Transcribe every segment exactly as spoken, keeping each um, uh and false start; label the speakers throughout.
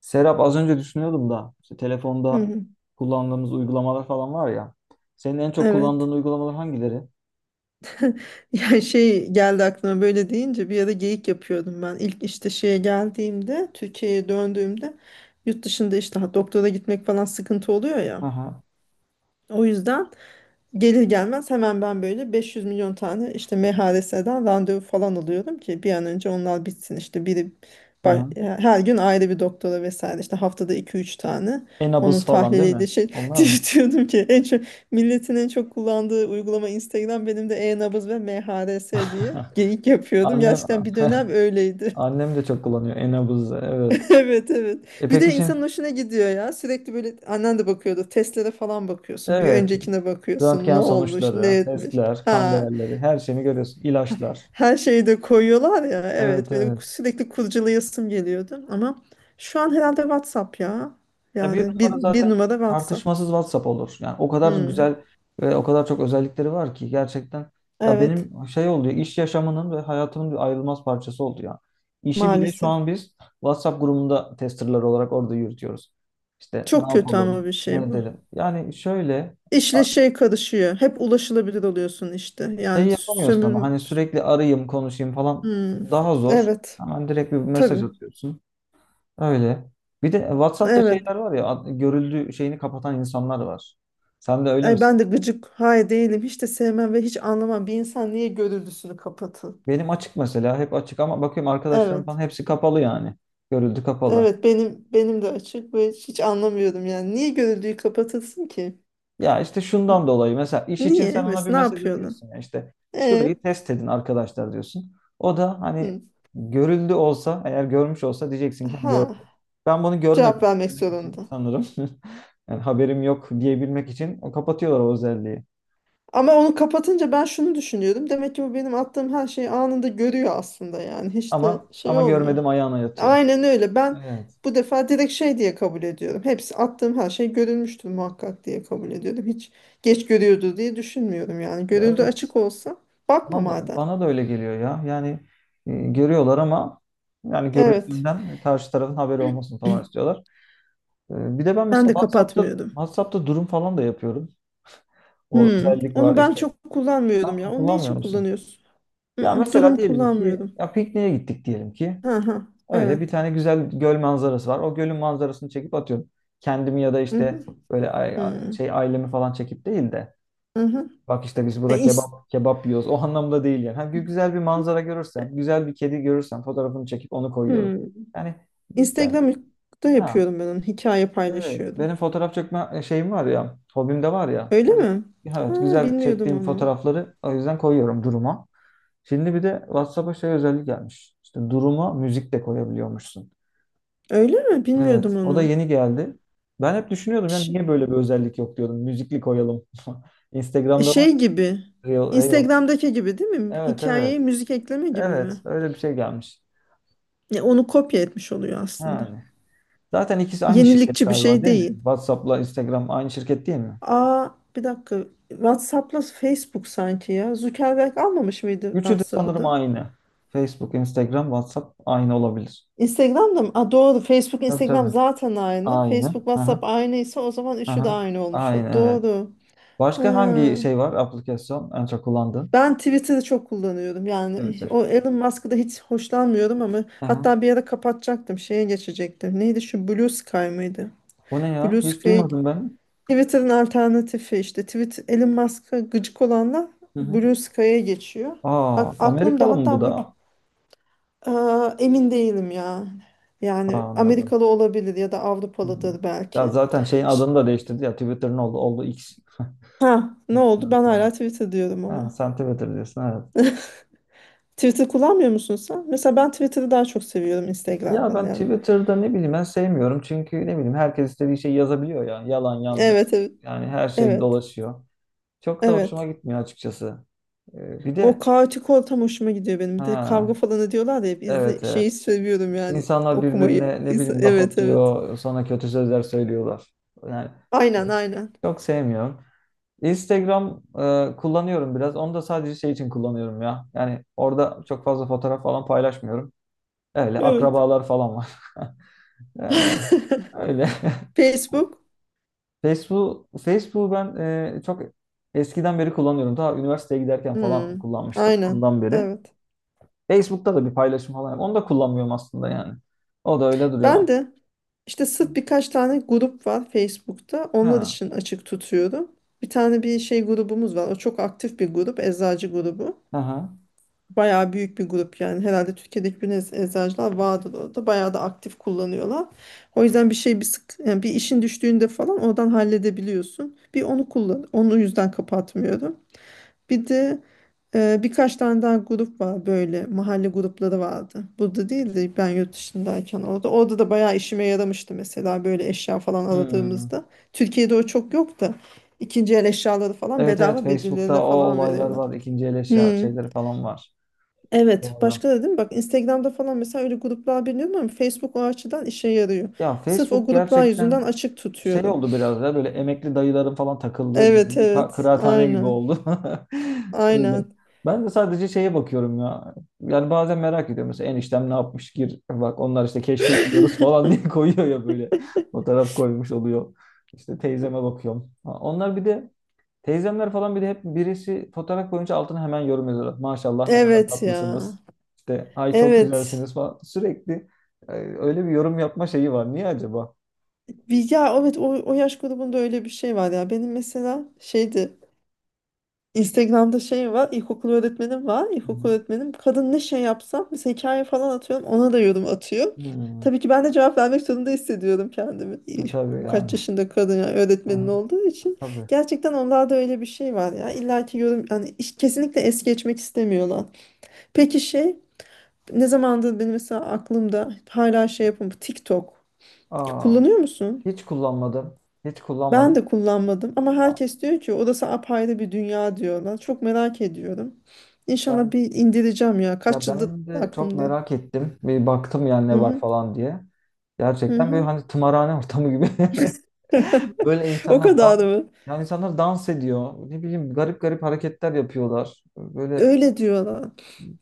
Speaker 1: Serap, az önce düşünüyordum da işte
Speaker 2: Hı
Speaker 1: telefonda
Speaker 2: hı.
Speaker 1: kullandığımız uygulamalar falan var ya. Senin en çok
Speaker 2: Evet.
Speaker 1: kullandığın uygulamalar hangileri?
Speaker 2: Yani şey geldi aklıma böyle deyince bir ara geyik yapıyordum ben. İlk işte şeye geldiğimde Türkiye'ye döndüğümde yurt dışında işte ha, doktora gitmek falan sıkıntı oluyor ya.
Speaker 1: Aha,
Speaker 2: O yüzden gelir gelmez hemen ben böyle beş yüz milyon tane işte M H R S'den randevu falan alıyorum ki bir an önce onlar bitsin. İşte biri
Speaker 1: aha.
Speaker 2: ba- her gün ayrı bir doktora vesaire işte haftada iki üç tane onun
Speaker 1: Enabuz falan değil
Speaker 2: tahliliydi
Speaker 1: mi?
Speaker 2: şey
Speaker 1: Onlar
Speaker 2: diye
Speaker 1: mı?
Speaker 2: diyordum ki en çok milletin en çok kullandığı uygulama Instagram, benim de e-nabız ve M H R S diye geyik yapıyordum.
Speaker 1: Annem
Speaker 2: Gerçekten bir dönem öyleydi.
Speaker 1: annem de çok kullanıyor Enabuz'u, evet.
Speaker 2: Evet, evet.
Speaker 1: E
Speaker 2: Bir
Speaker 1: peki
Speaker 2: de
Speaker 1: şimdi,
Speaker 2: insanın hoşuna gidiyor ya. Sürekli böyle annen de bakıyordu. Testlere falan bakıyorsun. Bir
Speaker 1: evet,
Speaker 2: öncekine bakıyorsun. Ne
Speaker 1: röntgen
Speaker 2: olmuş, ne
Speaker 1: sonuçları,
Speaker 2: etmiş.
Speaker 1: testler, kan
Speaker 2: Ha,
Speaker 1: değerleri, her şeyini görüyorsun. İlaçlar.
Speaker 2: her şeyi de koyuyorlar ya. Evet,
Speaker 1: Evet,
Speaker 2: benim
Speaker 1: evet.
Speaker 2: sürekli kurcalayasım geliyordu. Ama şu an herhalde WhatsApp ya.
Speaker 1: Ya bir
Speaker 2: Yani bir,
Speaker 1: numara
Speaker 2: bir
Speaker 1: zaten
Speaker 2: numara WhatsApp.
Speaker 1: tartışmasız WhatsApp olur. Yani o kadar
Speaker 2: Hmm.
Speaker 1: güzel ve o kadar çok özellikleri var ki gerçekten, ya
Speaker 2: Evet,
Speaker 1: benim şey oldu ya, iş yaşamının ve hayatımın bir ayrılmaz parçası oldu ya. İşi bile şu
Speaker 2: maalesef.
Speaker 1: an biz WhatsApp grubunda testerlar olarak orada yürütüyoruz. İşte ne
Speaker 2: Çok kötü ama
Speaker 1: yapalım,
Speaker 2: bir
Speaker 1: ne
Speaker 2: şey bu.
Speaker 1: edelim. Yani şöyle
Speaker 2: İşle
Speaker 1: a-
Speaker 2: şey karışıyor. Hep ulaşılabilir oluyorsun işte.
Speaker 1: şey
Speaker 2: Yani
Speaker 1: yapamıyorsun ama
Speaker 2: sömür...
Speaker 1: hani sürekli arayayım, konuşayım falan
Speaker 2: Hmm.
Speaker 1: daha zor.
Speaker 2: Evet,
Speaker 1: Hemen direkt bir mesaj
Speaker 2: tabii.
Speaker 1: atıyorsun. Öyle. Bir de WhatsApp'ta
Speaker 2: Evet.
Speaker 1: şeyler var ya, ad- görüldü şeyini kapatan insanlar var. Sen de öyle
Speaker 2: Ay ben
Speaker 1: misin?
Speaker 2: de gıcık hay değilim. Hiç de sevmem ve hiç anlamam. Bir insan niye gönüllüsünü kapatın?
Speaker 1: Benim açık mesela, hep açık ama bakıyorum arkadaşlarım falan
Speaker 2: Evet.
Speaker 1: hepsi kapalı yani. Görüldü kapalı.
Speaker 2: Evet benim benim de açık ve hiç anlamıyorum yani. Niye gönüllüyü kapatasın ki?
Speaker 1: Ya işte şundan
Speaker 2: N-
Speaker 1: dolayı mesela, iş için
Speaker 2: Niye?
Speaker 1: sen ona bir
Speaker 2: Mesela ne
Speaker 1: mesaj
Speaker 2: yapıyorlar?
Speaker 1: atıyorsun ya, işte şurayı
Speaker 2: E,
Speaker 1: test edin arkadaşlar diyorsun. O da hani
Speaker 2: hı.
Speaker 1: görüldü olsa, eğer görmüş olsa diyeceksin ki
Speaker 2: Ha,
Speaker 1: gördü. Ben bunu
Speaker 2: cevap
Speaker 1: görmedim
Speaker 2: vermek
Speaker 1: demek için
Speaker 2: zorunda.
Speaker 1: sanırım. Yani haberim yok diyebilmek için o kapatıyorlar o özelliği.
Speaker 2: Ama onu kapatınca ben şunu düşünüyorum. Demek ki bu benim attığım her şeyi anında görüyor aslında yani. Hiç de
Speaker 1: Ama
Speaker 2: şey
Speaker 1: ama
Speaker 2: olmuyor.
Speaker 1: görmedim ayağına yatıyor.
Speaker 2: Aynen öyle. Ben
Speaker 1: Evet.
Speaker 2: bu defa direkt şey diye kabul ediyorum. Hepsi attığım her şey görülmüştür muhakkak diye kabul ediyorum. Hiç geç görüyordu diye düşünmüyorum yani.
Speaker 1: Ya,
Speaker 2: Görüldü
Speaker 1: evet.
Speaker 2: açık olsa bakma
Speaker 1: Bana da,
Speaker 2: madem.
Speaker 1: bana da öyle geliyor ya. Yani e, görüyorlar ama, yani
Speaker 2: Evet.
Speaker 1: görüldüğünden karşı tarafın haberi olmasını falan istiyorlar. E, bir de ben
Speaker 2: Ben
Speaker 1: mesela
Speaker 2: de
Speaker 1: WhatsApp'ta
Speaker 2: kapatmıyorum.
Speaker 1: WhatsApp'ta durum falan da yapıyorum. O
Speaker 2: Hmm.
Speaker 1: özellik var
Speaker 2: Onu ben
Speaker 1: işte.
Speaker 2: çok
Speaker 1: Ne
Speaker 2: kullanmıyorum ya.
Speaker 1: yaptın,
Speaker 2: Onu ne
Speaker 1: kullanmıyor
Speaker 2: için
Speaker 1: musun?
Speaker 2: kullanıyorsun?
Speaker 1: Ya
Speaker 2: Mm-mm,
Speaker 1: mesela
Speaker 2: durum
Speaker 1: diyelim ki,
Speaker 2: kullanmıyorum.
Speaker 1: ya pikniğe gittik diyelim ki.
Speaker 2: Hı hı.
Speaker 1: Öyle bir
Speaker 2: Evet.
Speaker 1: tane güzel göl manzarası var. O gölün manzarasını çekip atıyorum. Kendimi ya da
Speaker 2: Hı
Speaker 1: işte
Speaker 2: hı.
Speaker 1: böyle ay- şey ailemi falan çekip değil de,
Speaker 2: Hı hı.
Speaker 1: bak işte biz
Speaker 2: E,
Speaker 1: burada
Speaker 2: ins-
Speaker 1: kebap kebap yiyoruz, o anlamda değil yani. Ha, gü- güzel bir manzara görürsem, güzel bir kedi görürsem fotoğrafını çekip onu koyuyorum.
Speaker 2: hmm.
Speaker 1: Yani ben.
Speaker 2: Instagram'da
Speaker 1: Ha,
Speaker 2: yapıyorum ben onu. Hikaye
Speaker 1: evet,
Speaker 2: paylaşıyorum.
Speaker 1: benim fotoğraf çekme e, şeyim var ya, hobim de var ya.
Speaker 2: Öyle
Speaker 1: Hani,
Speaker 2: mi?
Speaker 1: evet,
Speaker 2: Ha,
Speaker 1: güzel
Speaker 2: bilmiyordum
Speaker 1: çektiğim
Speaker 2: onu.
Speaker 1: fotoğrafları o yüzden koyuyorum duruma. Şimdi bir de WhatsApp'a şey özellik gelmiş. İşte duruma müzik de koyabiliyormuşsun.
Speaker 2: Öyle mi?
Speaker 1: Evet,
Speaker 2: Bilmiyordum
Speaker 1: o da
Speaker 2: onu.
Speaker 1: yeni geldi. Ben hep düşünüyordum, yani
Speaker 2: Ş-
Speaker 1: niye böyle bir özellik yok diyordum. Müzikli koyalım. Instagram'da var
Speaker 2: Şey gibi.
Speaker 1: ya, Reel, Reel.
Speaker 2: Instagram'daki gibi değil mi?
Speaker 1: Evet,
Speaker 2: Hikayeye
Speaker 1: evet.
Speaker 2: müzik ekleme gibi mi?
Speaker 1: Evet, öyle bir şey gelmiş.
Speaker 2: Ya onu kopya etmiş oluyor aslında.
Speaker 1: Yani. Zaten ikisi aynı şirket
Speaker 2: Yenilikçi bir
Speaker 1: galiba,
Speaker 2: şey
Speaker 1: değil mi?
Speaker 2: değil.
Speaker 1: WhatsApp'la Instagram aynı şirket değil mi?
Speaker 2: Aa, bir dakika. WhatsApp'la Facebook sanki ya. Zuckerberg almamış mıydı
Speaker 1: Üçü de
Speaker 2: WhatsApp'ı
Speaker 1: sanırım
Speaker 2: da?
Speaker 1: aynı. Facebook, Instagram, WhatsApp aynı olabilir.
Speaker 2: Instagram'da mı? Aa, doğru. Facebook,
Speaker 1: Tabii,
Speaker 2: Instagram
Speaker 1: tabii.
Speaker 2: zaten aynı. Facebook,
Speaker 1: Aynı. Aha,
Speaker 2: WhatsApp aynıysa o zaman üçü de
Speaker 1: aha.
Speaker 2: aynı olmuş. ol-
Speaker 1: Aynı, evet.
Speaker 2: Doğru. Ha.
Speaker 1: Başka hangi şey var? Aplikasyon en çok kullandığın?
Speaker 2: Ben Twitter'ı çok kullanıyorum. Yani
Speaker 1: Twitter.
Speaker 2: o Elon Musk'ı da hiç hoşlanmıyorum ama
Speaker 1: Aha.
Speaker 2: hatta bir ara kapatacaktım. Şeye geçecektim. Neydi şu Blue Sky mıydı?
Speaker 1: O ne ya?
Speaker 2: Blue
Speaker 1: Hiç
Speaker 2: Sky
Speaker 1: duymadım ben.
Speaker 2: Twitter'ın alternatifi işte. Twitter, Elon Musk'a gıcık olanlar
Speaker 1: Hı hı.
Speaker 2: Blue Sky'a geçiyor.
Speaker 1: Aa,
Speaker 2: Bak aklımda
Speaker 1: Amerikalı mı bu
Speaker 2: hatta bu...
Speaker 1: da?
Speaker 2: Aa, emin değilim ya.
Speaker 1: Aa,
Speaker 2: Yani
Speaker 1: anladım.
Speaker 2: Amerikalı olabilir ya da
Speaker 1: Hı hı.
Speaker 2: Avrupalıdır
Speaker 1: Ya
Speaker 2: belki.
Speaker 1: zaten şeyin
Speaker 2: Ş-
Speaker 1: adını da değiştirdi ya. Twitter'ın oldu, oldu X.
Speaker 2: Ha, ne oldu? Ben hala Twitter diyorum
Speaker 1: Ha,
Speaker 2: ama.
Speaker 1: sen Twitter diyorsun, evet.
Speaker 2: Twitter kullanmıyor musun sen? Mesela ben Twitter'ı daha çok seviyorum
Speaker 1: Ya
Speaker 2: Instagram'dan.
Speaker 1: ben
Speaker 2: Yani
Speaker 1: Twitter'da ne bileyim, ben sevmiyorum. Çünkü ne bileyim, herkes istediği şeyi yazabiliyor yani. Yalan yanlış.
Speaker 2: evet, evet.
Speaker 1: Yani her şey
Speaker 2: Evet.
Speaker 1: dolaşıyor. Çok da hoşuma
Speaker 2: Evet.
Speaker 1: gitmiyor açıkçası. Ee, bir
Speaker 2: O
Speaker 1: de.
Speaker 2: kaotik ortam hoşuma gidiyor benim. Bir de
Speaker 1: Ha,
Speaker 2: kavga falan ediyorlar da hep
Speaker 1: evet,
Speaker 2: izle
Speaker 1: evet.
Speaker 2: şeyi seviyorum yani
Speaker 1: İnsanlar
Speaker 2: okumayı.
Speaker 1: birbirine ne
Speaker 2: İnsan-
Speaker 1: bileyim laf
Speaker 2: Evet, evet.
Speaker 1: atıyor. Sonra kötü sözler söylüyorlar. Yani
Speaker 2: Aynen, aynen.
Speaker 1: çok sevmiyorum. Instagram e, kullanıyorum biraz. Onu da sadece şey için kullanıyorum ya. Yani orada çok fazla fotoğraf falan paylaşmıyorum. Öyle
Speaker 2: Evet.
Speaker 1: akrabalar falan var. Yani öyle.
Speaker 2: Facebook.
Speaker 1: Facebook, Facebook'u ben e, çok eskiden beri kullanıyorum. Daha üniversiteye giderken falan
Speaker 2: Hmm,
Speaker 1: kullanmıştım,
Speaker 2: aynen.
Speaker 1: ondan beri.
Speaker 2: Evet.
Speaker 1: Facebook'ta da bir paylaşım falan yap- onu da kullanmıyorum aslında yani. O da öyle
Speaker 2: Ben
Speaker 1: duruyor.
Speaker 2: de işte sırf birkaç tane grup var Facebook'ta. Onlar
Speaker 1: Ha.
Speaker 2: için açık tutuyorum. Bir tane bir şey grubumuz var. O çok aktif bir grup. Eczacı grubu.
Speaker 1: Aha.
Speaker 2: Bayağı büyük bir grup yani. Herhalde Türkiye'de hiçbir nez- eczacılar vardır orada. Bayağı da aktif kullanıyorlar. O yüzden bir şey bir sık yani bir işin düştüğünde falan oradan halledebiliyorsun. Bir onu kullan. Onu yüzden kapatmıyorum. Bir de e, birkaç tane daha grup var, böyle mahalle grupları vardı. Burada değil de ben yurt dışındayken orada. Orada da bayağı işime yaramıştı mesela böyle eşya falan
Speaker 1: Hmm.
Speaker 2: aradığımızda. Türkiye'de o çok yok da ikinci el eşyaları falan
Speaker 1: Evet, evet,
Speaker 2: bedava birbirlerine
Speaker 1: Facebook'ta o
Speaker 2: falan
Speaker 1: olaylar
Speaker 2: veriyorlar.
Speaker 1: var. İkinci el eşya
Speaker 2: Hmm.
Speaker 1: şeyleri falan var.
Speaker 2: Evet,
Speaker 1: Doğru.
Speaker 2: başka da değil mi? Bak Instagram'da falan mesela öyle gruplar biliyorum ama Facebook o açıdan işe yarıyor.
Speaker 1: Ya
Speaker 2: Sırf o
Speaker 1: Facebook
Speaker 2: gruplar yüzünden
Speaker 1: gerçekten
Speaker 2: açık
Speaker 1: şey
Speaker 2: tutuyorum.
Speaker 1: oldu biraz da, böyle emekli dayıların falan takıldığı böyle
Speaker 2: Evet,
Speaker 1: bir ka-
Speaker 2: evet.
Speaker 1: kıraathane gibi
Speaker 2: Aynen.
Speaker 1: oldu. Öyle.
Speaker 2: Aynen.
Speaker 1: Ben de sadece şeye bakıyorum ya. Yani bazen merak ediyorum. Mesela eniştem ne yapmış, gir bak, onlar işte keşke gidiyoruz falan diye koyuyor ya böyle. Fotoğraf koymuş oluyor. İşte teyzeme bakıyorum. Ha, onlar bir de, teyzemler falan bir de hep birisi fotoğraf koyunca altına hemen yorum yazıyorlar. Maşallah ne kadar
Speaker 2: Evet ya.
Speaker 1: tatlısınız. İşte ay çok
Speaker 2: Evet.
Speaker 1: güzelsiniz falan. Sürekli e, öyle bir yorum yapma şeyi var. Niye acaba?
Speaker 2: Bir- Ya evet, o, o yaş grubunda öyle bir şey var ya. Benim mesela şeydi, Instagram'da şey var, ilkokul öğretmenim var.
Speaker 1: Hı
Speaker 2: İlkokul
Speaker 1: hı.
Speaker 2: öğretmenim kadın, ne şey yapsam, mesela hikaye falan atıyorum, ona da yorum atıyor.
Speaker 1: Hmm.
Speaker 2: Tabii ki ben de cevap vermek zorunda hissediyorum kendimi.
Speaker 1: E,
Speaker 2: İyi,
Speaker 1: tabii
Speaker 2: kaç
Speaker 1: yani.
Speaker 2: yaşında kadın yani,
Speaker 1: Hı
Speaker 2: öğretmenin
Speaker 1: hı,
Speaker 2: olduğu için.
Speaker 1: tabii.
Speaker 2: Gerçekten onlarda öyle bir şey var ya. İlla ki yorum, yani iş- kesinlikle es geçmek istemiyorlar. Peki şey, ne zamandır benim mesela aklımda hala şey yapım, TikTok.
Speaker 1: Aa,
Speaker 2: Kullanıyor musun?
Speaker 1: hiç kullanmadım. Hiç
Speaker 2: Ben
Speaker 1: kullanmadım.
Speaker 2: de kullanmadım ama
Speaker 1: Aa,
Speaker 2: herkes diyor ki odası apayrı bir dünya diyorlar. Çok merak ediyorum. İnşallah
Speaker 1: ben
Speaker 2: bir indireceğim ya.
Speaker 1: ya
Speaker 2: Kaç yıldır
Speaker 1: ben de çok
Speaker 2: aklımda.
Speaker 1: merak ettim. Bir baktım yani
Speaker 2: Hı
Speaker 1: ne var
Speaker 2: hı,
Speaker 1: falan diye.
Speaker 2: hı
Speaker 1: Gerçekten böyle
Speaker 2: hı.
Speaker 1: hani tımarhane ortamı gibi. Böyle
Speaker 2: O
Speaker 1: insanlar dans,
Speaker 2: kadar mı?
Speaker 1: yani insanlar dans ediyor. Ne bileyim garip garip hareketler yapıyorlar. Böyle
Speaker 2: Öyle diyorlar.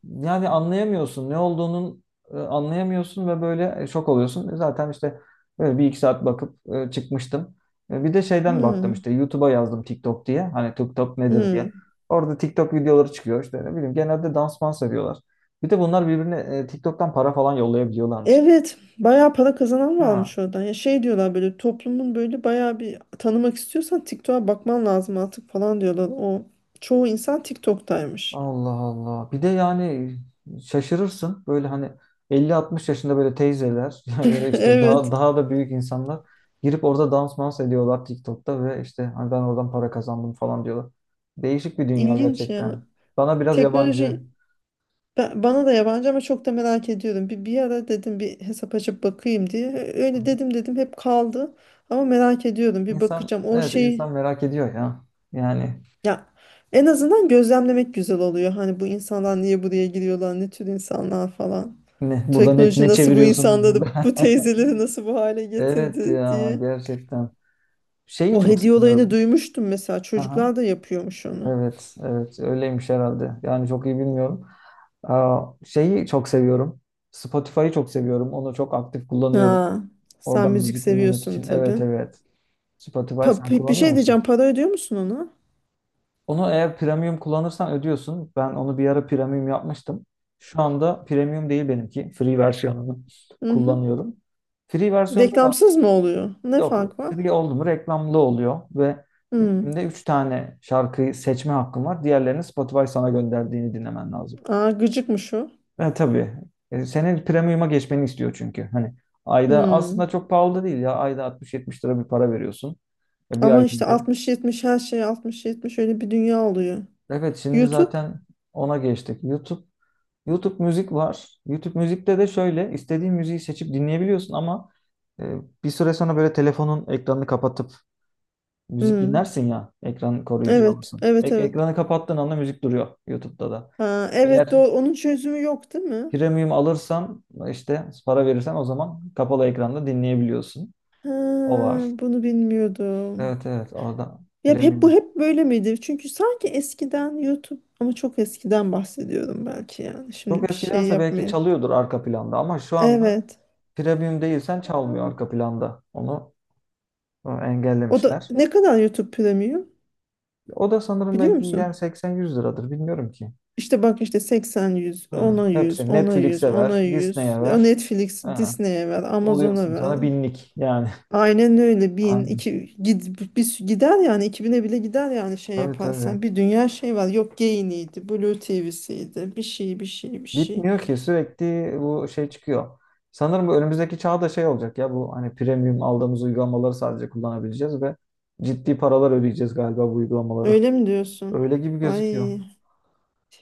Speaker 1: yani anlayamıyorsun ne olduğunun, e, anlayamıyorsun ve böyle e, şok oluyorsun. E, Zaten işte böyle bir iki saat bakıp e, çıkmıştım. E, bir de şeyden baktım,
Speaker 2: Hı,
Speaker 1: işte YouTube'a yazdım TikTok diye. Hani TikTok nedir diye.
Speaker 2: hı.
Speaker 1: Orada TikTok videoları çıkıyor, işte ne bileyim genelde dans mans ediyorlar. Bir de bunlar birbirine e, TikTok'tan para falan yollayabiliyorlarmış.
Speaker 2: Evet, bayağı para kazanan
Speaker 1: Ha.
Speaker 2: varmış oradan. Ya şey diyorlar, böyle toplumun böyle bayağı bir tanımak istiyorsan TikTok'a bakman lazım artık falan diyorlar. O çoğu insan TikTok'taymış.
Speaker 1: Allah Allah. Bir de yani şaşırırsın. Böyle hani elli altmış yaşında böyle teyzeler yani, ya da işte daha
Speaker 2: Evet,
Speaker 1: daha da büyük insanlar girip orada dans mans ediyorlar TikTok'ta ve işte hani ben oradan para kazandım falan diyorlar. Değişik bir dünya
Speaker 2: ilginç ya.
Speaker 1: gerçekten. Bana biraz yabancı.
Speaker 2: Teknoloji... Ben, bana da yabancı ama çok da merak ediyorum. Bir, bir ara dedim bir hesap açıp bakayım diye. Öyle dedim dedim hep kaldı. Ama merak ediyorum, bir
Speaker 1: İnsan
Speaker 2: bakacağım. O
Speaker 1: evet
Speaker 2: şey
Speaker 1: insan merak ediyor ya. Yani
Speaker 2: ya, en azından gözlemlemek güzel oluyor. Hani bu insanlar niye buraya giriyorlar, ne tür insanlar falan.
Speaker 1: ne burada, ne,
Speaker 2: Teknoloji
Speaker 1: ne
Speaker 2: nasıl bu
Speaker 1: çeviriyorsunuz
Speaker 2: insanları,
Speaker 1: burada?
Speaker 2: bu teyzeleri nasıl bu hale
Speaker 1: Evet
Speaker 2: getirdi
Speaker 1: ya,
Speaker 2: diye.
Speaker 1: gerçekten. Şeyi
Speaker 2: O
Speaker 1: çok
Speaker 2: hediye olayını
Speaker 1: seviyorum.
Speaker 2: duymuştum mesela.
Speaker 1: Aha.
Speaker 2: Çocuklar da yapıyormuş onu.
Speaker 1: Evet, evet, öyleymiş herhalde. Yani çok iyi bilmiyorum. Aa, şeyi çok seviyorum. Spotify'ı çok seviyorum. Onu çok aktif kullanıyorum.
Speaker 2: Ha, sen
Speaker 1: Oradan
Speaker 2: müzik
Speaker 1: müzik dinlemek
Speaker 2: seviyorsun
Speaker 1: için.
Speaker 2: tabii.
Speaker 1: Evet, evet. Spotify
Speaker 2: Pa-
Speaker 1: sen
Speaker 2: bir bir
Speaker 1: kullanıyor
Speaker 2: şey
Speaker 1: musun?
Speaker 2: diyeceğim. Para ödüyor musun ona?
Speaker 1: Onu eğer premium kullanırsan ödüyorsun. Ben onu bir ara premium yapmıştım. Şu anda premium değil benimki. Free versiyonunu
Speaker 2: Hı.
Speaker 1: kullanıyorum. Free versiyonda da
Speaker 2: Reklamsız mı oluyor? Ne
Speaker 1: yok.
Speaker 2: fark var?
Speaker 1: Free oldu mu reklamlı oluyor ve
Speaker 2: Hmm.
Speaker 1: günde üç tane şarkıyı seçme hakkım var. Diğerlerini Spotify sana gönderdiğini dinlemen lazım.
Speaker 2: Aa, gıcıkmış o.
Speaker 1: Ha, tabii. E, senin premium'a geçmeni istiyor çünkü. Hani ayda aslında
Speaker 2: Hmm.
Speaker 1: çok pahalı da değil ya. Ayda altmış yetmiş lira bir para veriyorsun. E, bir
Speaker 2: Ama
Speaker 1: ay
Speaker 2: işte
Speaker 1: boyunca.
Speaker 2: altmış yetmişe, her şey altmış yetmiş, öyle bir dünya oluyor.
Speaker 1: Evet, şimdi
Speaker 2: YouTube?
Speaker 1: zaten ona geçtik. YouTube YouTube müzik var. YouTube müzikte de şöyle istediğin müziği seçip dinleyebiliyorsun ama e, bir süre sonra böyle telefonun ekranını kapatıp müzik
Speaker 2: Hmm.
Speaker 1: dinlersin ya. Ekran koruyucu
Speaker 2: Evet,
Speaker 1: alırsın.
Speaker 2: evet,
Speaker 1: Ek-
Speaker 2: evet.
Speaker 1: ekranı kapattığın anda müzik duruyor YouTube'da da.
Speaker 2: Ha, evet,
Speaker 1: Eğer
Speaker 2: doğru. Onun çözümü yok değil mi?
Speaker 1: premium alırsan, işte para verirsen, o zaman kapalı ekranda dinleyebiliyorsun.
Speaker 2: Ha,
Speaker 1: O var.
Speaker 2: bunu bilmiyordum.
Speaker 1: Evet, evet, orada
Speaker 2: Ya hep bu
Speaker 1: premium.
Speaker 2: hep böyle miydi? Çünkü sanki eskiden YouTube, ama çok eskiden bahsediyorum belki yani. Şimdi
Speaker 1: Çok
Speaker 2: bir şey
Speaker 1: eskidense belki
Speaker 2: yapmayayım.
Speaker 1: çalıyordur arka planda ama şu anda
Speaker 2: Evet.
Speaker 1: premium değilsen çalmıyor arka planda. Onu e,
Speaker 2: O da
Speaker 1: engellemişler.
Speaker 2: ne kadar YouTube Premium?
Speaker 1: O da sanırım
Speaker 2: Biliyor
Speaker 1: belki yani
Speaker 2: musun?
Speaker 1: seksen yüz liradır, bilmiyorum ki.
Speaker 2: İşte bak işte seksen yüz,
Speaker 1: Hmm.
Speaker 2: ona
Speaker 1: Hepsi
Speaker 2: yüz, ona yüz,
Speaker 1: Netflix'e ver,
Speaker 2: ona yüz.
Speaker 1: Disney'e
Speaker 2: O
Speaker 1: ver.
Speaker 2: Netflix,
Speaker 1: Ha.
Speaker 2: Disney'e ver, Amazon'a
Speaker 1: Oluyorsun
Speaker 2: ver.
Speaker 1: sonra binlik yani.
Speaker 2: Aynen öyle, bin
Speaker 1: Aynen.
Speaker 2: iki gid, bir, gider yani, iki bine bile gider yani şey
Speaker 1: Tabii, tabii.
Speaker 2: yaparsan. Bir dünya şey var. Yok Gain'iydi, Blue T V'siydi. Bir şey, bir şey, bir şey.
Speaker 1: Bitmiyor ki, sürekli bu şey çıkıyor. Sanırım bu önümüzdeki çağda şey olacak ya, bu hani premium aldığımız uygulamaları sadece kullanabileceğiz ve ciddi paralar ödeyeceğiz galiba bu uygulamaları.
Speaker 2: Öyle mi diyorsun?
Speaker 1: Öyle gibi gözüküyor.
Speaker 2: Ay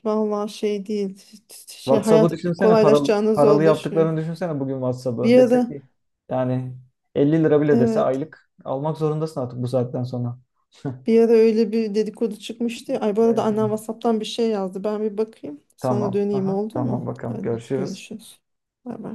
Speaker 2: vallahi şey değil. Şey,
Speaker 1: WhatsApp'ı
Speaker 2: hayat
Speaker 1: düşünsene, paralı,
Speaker 2: kolaylaşacağına
Speaker 1: paralı
Speaker 2: zorlaşıyor.
Speaker 1: yaptıklarını düşünsene bugün WhatsApp'ı.
Speaker 2: Bir
Speaker 1: Dese
Speaker 2: ara
Speaker 1: ki yani elli lira bile dese
Speaker 2: evet.
Speaker 1: aylık almak zorundasın artık bu saatten sonra.
Speaker 2: Bir ara öyle bir dedikodu çıkmıştı ya. Ay bu arada
Speaker 1: Evet,
Speaker 2: annem
Speaker 1: evet.
Speaker 2: WhatsApp'tan bir şey yazdı. Ben bir bakayım. Sana
Speaker 1: Tamam.
Speaker 2: döneyim
Speaker 1: Aha,
Speaker 2: oldu
Speaker 1: tamam
Speaker 2: mu?
Speaker 1: bakalım.
Speaker 2: Hadi
Speaker 1: Görüşürüz.
Speaker 2: görüşürüz. Bay bay.